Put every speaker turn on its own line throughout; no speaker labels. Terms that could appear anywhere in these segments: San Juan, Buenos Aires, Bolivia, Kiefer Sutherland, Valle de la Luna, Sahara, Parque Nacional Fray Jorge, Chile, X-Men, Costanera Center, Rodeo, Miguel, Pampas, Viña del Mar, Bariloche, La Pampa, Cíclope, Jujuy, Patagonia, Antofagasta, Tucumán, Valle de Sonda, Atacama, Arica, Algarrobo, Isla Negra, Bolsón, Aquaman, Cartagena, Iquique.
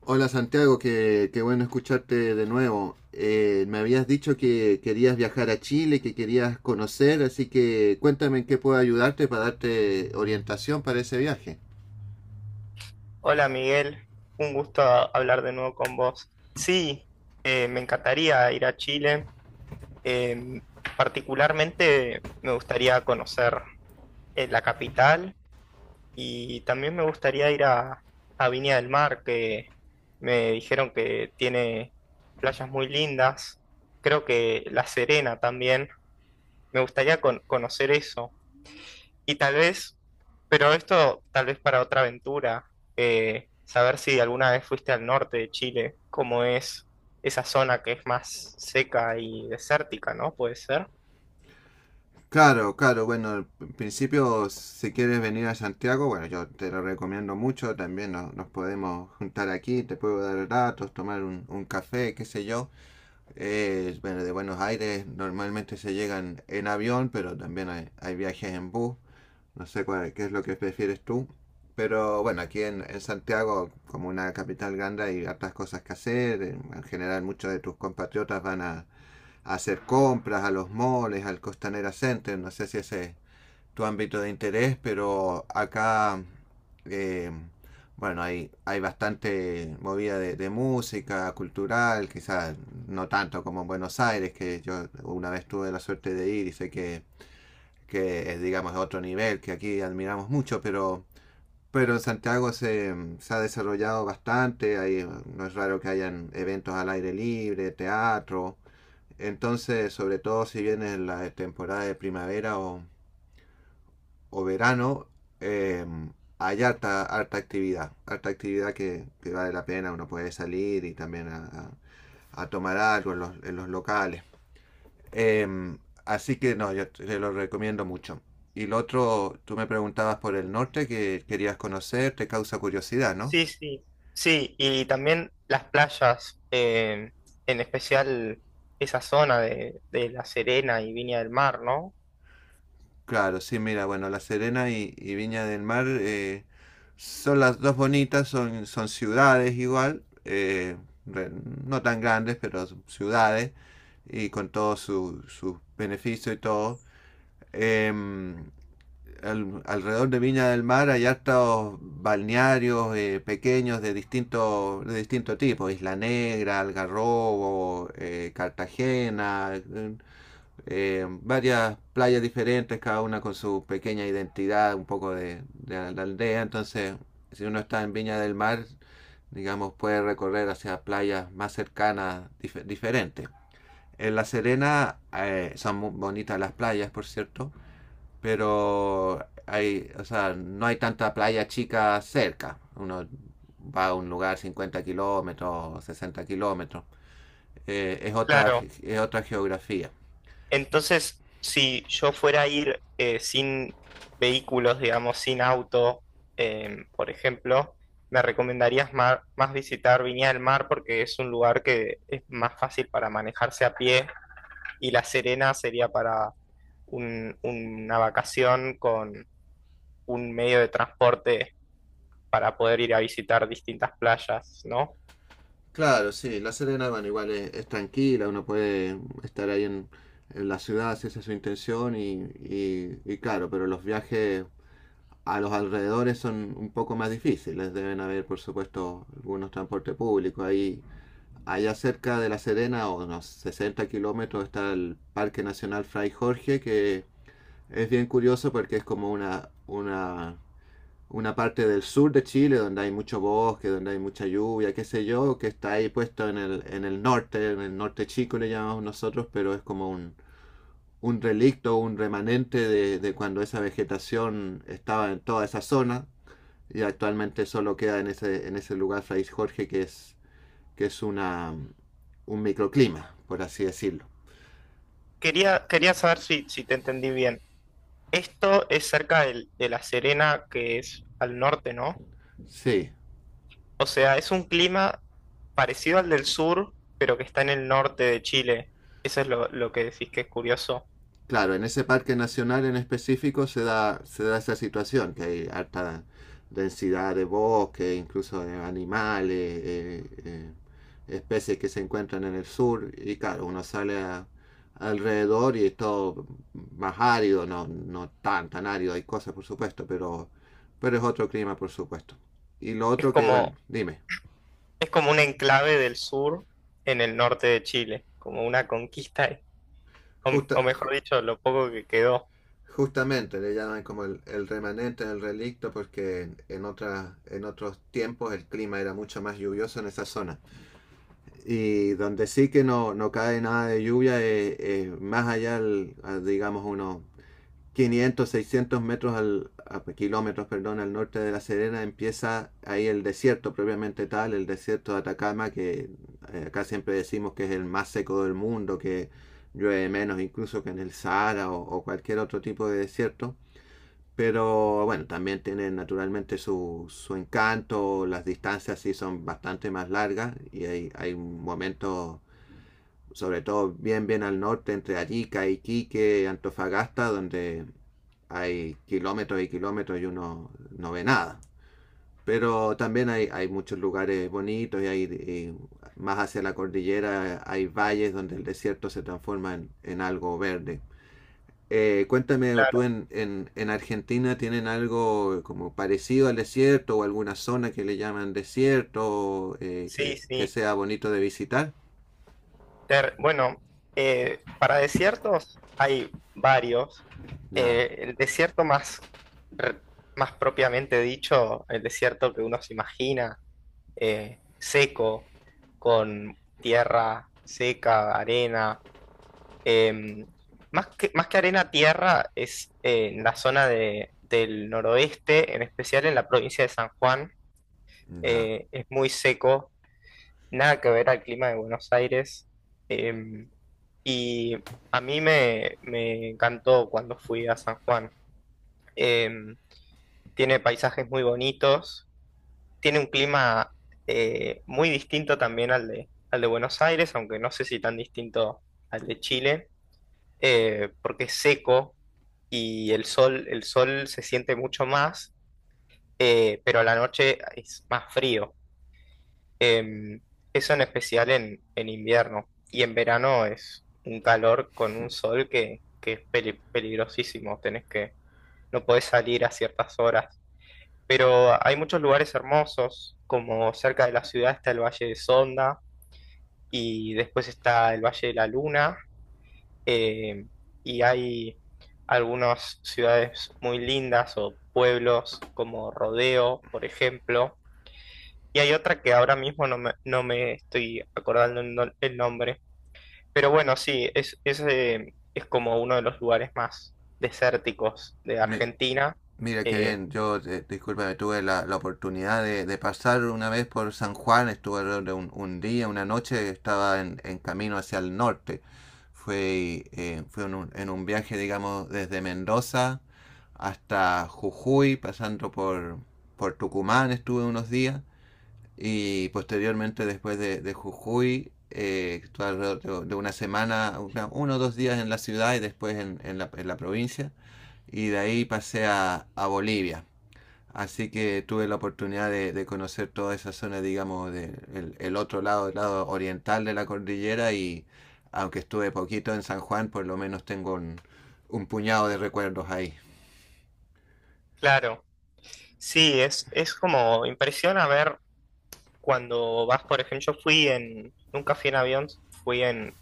Hola Santiago, qué bueno escucharte de nuevo. Me habías dicho que querías viajar a Chile, que querías conocer, así que cuéntame en qué puedo ayudarte para darte orientación para ese viaje.
Hola Miguel, un gusto hablar de nuevo con vos. Sí, me encantaría ir a Chile. Eh, particularmente me gustaría conocer la capital y también me gustaría ir a Viña del Mar, que me dijeron que tiene playas muy lindas. Creo que La Serena también. Me gustaría conocer eso. Y tal vez, pero esto tal vez para otra aventura, saber si alguna vez fuiste al norte de Chile, cómo es esa zona que es más seca y desértica, ¿no? Puede ser.
Claro, claro, bueno, en principio si quieres venir a Santiago, bueno, yo te lo recomiendo mucho, también nos podemos juntar aquí, te puedo dar datos, tomar un café, qué sé yo. Bueno, de Buenos Aires normalmente se llegan en avión, pero también hay viajes en bus. No sé cuál, qué es lo que prefieres tú. Pero bueno, aquí en Santiago, como una capital grande, hay hartas cosas que hacer. En general, muchos de tus compatriotas van a hacer compras a los moles, al Costanera Center. No sé si ese es tu ámbito de interés, pero acá, eh, bueno, hay bastante movida de música, cultural, quizás no tanto como en Buenos Aires, que yo una vez tuve la suerte de ir y sé que es, digamos, otro nivel, que aquí admiramos mucho, pero en Santiago se ha desarrollado bastante, ahí no es raro que hayan eventos al aire libre, teatro, entonces, sobre todo si viene la temporada de primavera o verano, eh, hay harta actividad, harta actividad que vale la pena, uno puede salir y también a tomar algo en los locales. Em, Así que no, yo te lo recomiendo mucho. Y lo otro, tú me preguntabas por el norte que querías conocer, te causa curiosidad, ¿no?
Sí, sí. Sí, y también las playas, en especial esa zona de La Serena y Viña del Mar, ¿no?
Claro, sí, mira, bueno, La Serena y Viña del Mar, son las dos bonitas, son ciudades igual, re- no tan grandes, pero son ciudades y con todos sus beneficios y todo. em, Alrededor de Viña del Mar hay hartos balnearios, pequeños de distinto tipo: Isla Negra, Algarrobo, Cartagena, varias playas diferentes, cada una con su pequeña identidad, un poco de la aldea. Entonces, si uno está en Viña del Mar, digamos, puede recorrer hacia playas más cercanas, diferentes. En La Serena, son muy bonitas las playas, por cierto, pero hay, o sea, no hay tanta playa chica cerca. Uno va a un lugar, 50 kilómetros, 60 kilómetros. Eh, es, otra,
Claro,
es otra geografía.
entonces, si yo fuera a ir sin vehículos, digamos, sin auto, por ejemplo, me recomendarías más visitar Viña del Mar porque es un lugar que es más fácil para manejarse a pie, y La Serena sería para una vacación con un medio de transporte para poder ir a visitar distintas playas, ¿no?
Claro, sí, La Serena, bueno, igual es tranquila, uno puede estar ahí en la ciudad si esa es su intención y claro, pero los viajes a los alrededores son un poco más difíciles, deben haber por supuesto algunos transportes públicos ahí. Allá cerca de La Serena, a unos 60 kilómetros, está el Parque Nacional Fray Jorge, que es bien curioso porque es como una parte del sur de Chile donde hay mucho bosque, donde hay mucha lluvia, qué sé yo, que está ahí puesto en el norte, en el norte chico le llamamos nosotros, pero es como un relicto, un remanente de cuando esa vegetación estaba en toda esa zona, y actualmente solo queda en ese lugar, Fray Jorge, que que es una, un microclima, por así decirlo.
Quería, quería saber si, si te entendí bien. Esto es cerca de La Serena, que es al norte, ¿no?
Sí,
O sea, es un clima parecido al del sur, pero que está en el norte de Chile. Eso es lo que decís que es curioso.
claro, en ese parque nacional en específico se da esa situación, que hay alta densidad de bosque, incluso de animales, eh, eh, especies que se encuentran en el sur, y claro, uno alrededor y es todo más árido, no, no tan árido, hay cosas por supuesto, pero es otro clima por supuesto. Y lo
Es
otro que, bueno,
como,
dime.
es como un enclave del sur en el norte de Chile, como una conquista, o, o
Justa,
mejor dicho, lo poco que quedó.
Justamente, le llaman como el remanente, el relicto, porque en otros tiempos el clima era mucho más lluvioso en esa zona. Y donde sí que no, no cae nada de lluvia, es más allá, digamos, unos 500, 600 metros kilómetros, perdón, al norte de La Serena, empieza ahí el desierto propiamente tal, el desierto de Atacama, que acá siempre decimos que es el más seco del mundo, que llueve menos incluso que en el Sahara, o cualquier otro tipo de desierto. Pero bueno, también tiene naturalmente su encanto, las distancias sí son bastante más largas y hay momentos, sobre todo bien al norte, entre Arica, Iquique, Antofagasta, donde hay kilómetros y kilómetros y uno no ve nada. Pero también hay muchos lugares bonitos y, más hacia la cordillera hay valles donde el desierto se transforma en algo verde. Cuéntame, ¿tú
Claro,
en Argentina tienen algo como parecido al desierto, o alguna zona que le llaman desierto,
sí,
que
sí.
sea bonito de visitar?
Bueno, para desiertos hay varios.
Ya,
El desierto más, re- más propiamente dicho, el desierto que uno se imagina seco, con tierra seca, arena. Em, más más que arena, tierra es en la zona del noroeste, en especial en la provincia de San Juan.
ya.
Es muy seco, nada que ver al clima de Buenos Aires. em, y a mí me encantó cuando fui a San Juan. Em, tiene paisajes muy bonitos, tiene un clima muy distinto también al de Buenos Aires, aunque no sé si tan distinto al de Chile, porque es seco y el sol se siente mucho más, pero a la noche es más frío. Em, eso en especial en invierno. Y en verano es un calor con un sol que es peligrosísimo. No podés salir a ciertas horas, pero hay muchos lugares hermosos, como cerca de la ciudad está el Valle de Sonda y después está el Valle de la Luna, eh, y hay algunas ciudades muy lindas o pueblos como Rodeo, por ejemplo, y hay otra que ahora mismo no me estoy acordando el, no- el nombre, pero bueno, sí, es como uno de los lugares más desérticos de
Me,
Argentina.
Mira qué
eh,
bien, yo, discúlpame, tuve la, la oportunidad de pasar una vez por San Juan, estuve alrededor de un día, una noche, estaba en camino hacia el norte. Fue en un viaje, digamos, desde Mendoza hasta Jujuy, pasando por Tucumán, estuve unos días, y posteriormente después de Jujuy, estuve alrededor de una semana, uno o dos días en la ciudad, y después en la provincia, y de ahí pasé a Bolivia. Así que tuve la oportunidad de conocer toda esa zona, digamos, el otro lado, el lado oriental de la cordillera, y aunque estuve poquito en San Juan, por lo menos tengo un puñado de recuerdos ahí.
claro. Sí, es como impresiona ver cuando vas, por ejemplo, yo fui en, nunca fui en avión, fui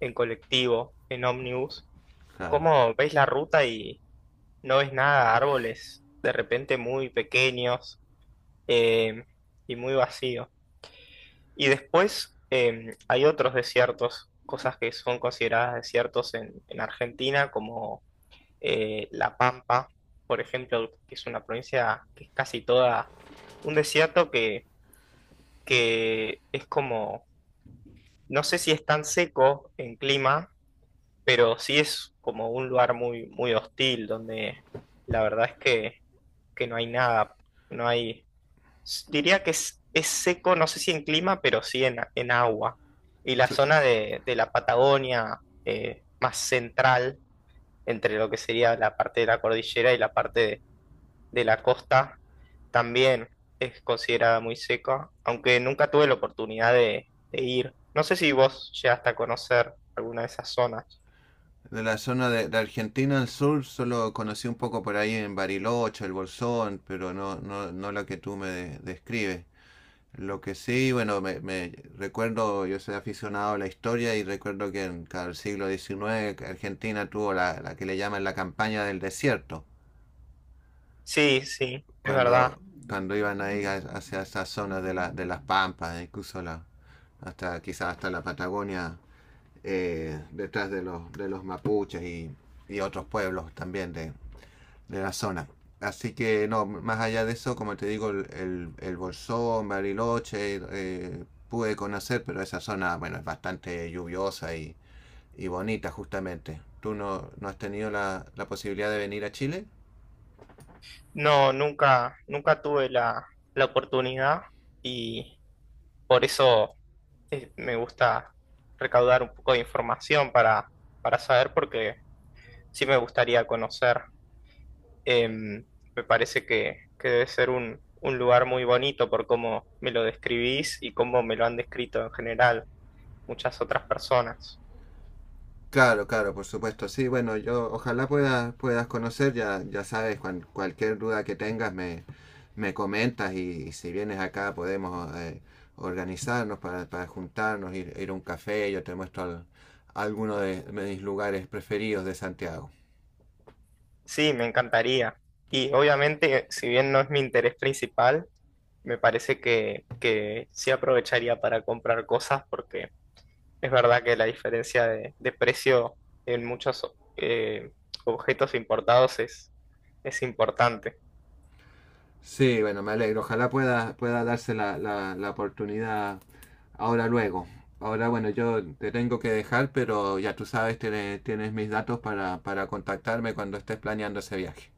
en colectivo, en ómnibus.
Claro.
¿Cómo ves la ruta y no ves nada? Árboles de repente muy pequeños, eh, y muy vacío. Y después hay otros desiertos, cosas que son consideradas desiertos en Argentina, como La Pampa, por ejemplo, que es una provincia que es casi toda un desierto que es como... No sé si es tan seco en clima, pero sí es como un lugar muy, muy hostil, donde la verdad es que no hay nada, no hay, diría que es seco, no sé si en clima, pero sí en agua. Y la zona de la Patagonia más central, entre lo que sería la parte de la cordillera y la parte de la costa, también es considerada muy seca, aunque nunca tuve la oportunidad de ir. No sé si vos llegaste a conocer alguna de esas zonas.
De la zona de Argentina al sur solo conocí un poco por ahí en Bariloche, el Bolsón, pero no, no, no la que tú me describes. Lo que sí, bueno, me recuerdo, yo soy aficionado a la historia y recuerdo que en el siglo XIX, que Argentina tuvo la que le llaman la campaña del desierto,
Sí, sí, es verdad.
cuando, cuando iban ahí hacia esas zonas de de las Pampas, incluso hasta quizás hasta la Patagonia, detrás de los mapuches y otros pueblos también de la zona. Así que no, más allá de eso, como te digo, el Bolsón, Bariloche, pude conocer, pero esa zona, bueno, es bastante lluviosa y bonita justamente. ¿Tú no, no has tenido la, la posibilidad de venir a Chile?
No, nunca, nunca tuve la oportunidad, y por eso me gusta recaudar un poco de información para saber, porque sí me gustaría conocer. Em, me parece que debe ser un lugar muy bonito por cómo me lo describís y cómo me lo han descrito en general muchas otras personas.
Claro, claro, por supuesto. Sí, bueno, yo ojalá puedas conocer. Ya, ya sabes, cualquier duda que tengas me comentas, y si vienes acá podemos, organizarnos para juntarnos, ir a un café, yo te muestro alguno de mis lugares preferidos de Santiago.
Sí, me encantaría. Y obviamente, si bien no es mi interés principal, me parece que sí aprovecharía para comprar cosas porque es verdad que la diferencia de precio en muchos eh, objetos importados es importante.
Sí, bueno, me alegro, ojalá pueda darse la oportunidad ahora luego. Ahora, bueno, yo te tengo que dejar, pero ya tú sabes, tienes mis datos para contactarme cuando estés planeando ese viaje.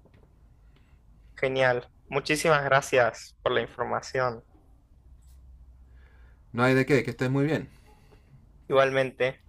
Genial. Muchísimas gracias por la información.
No hay de qué, que estés muy bien.
Igualmente.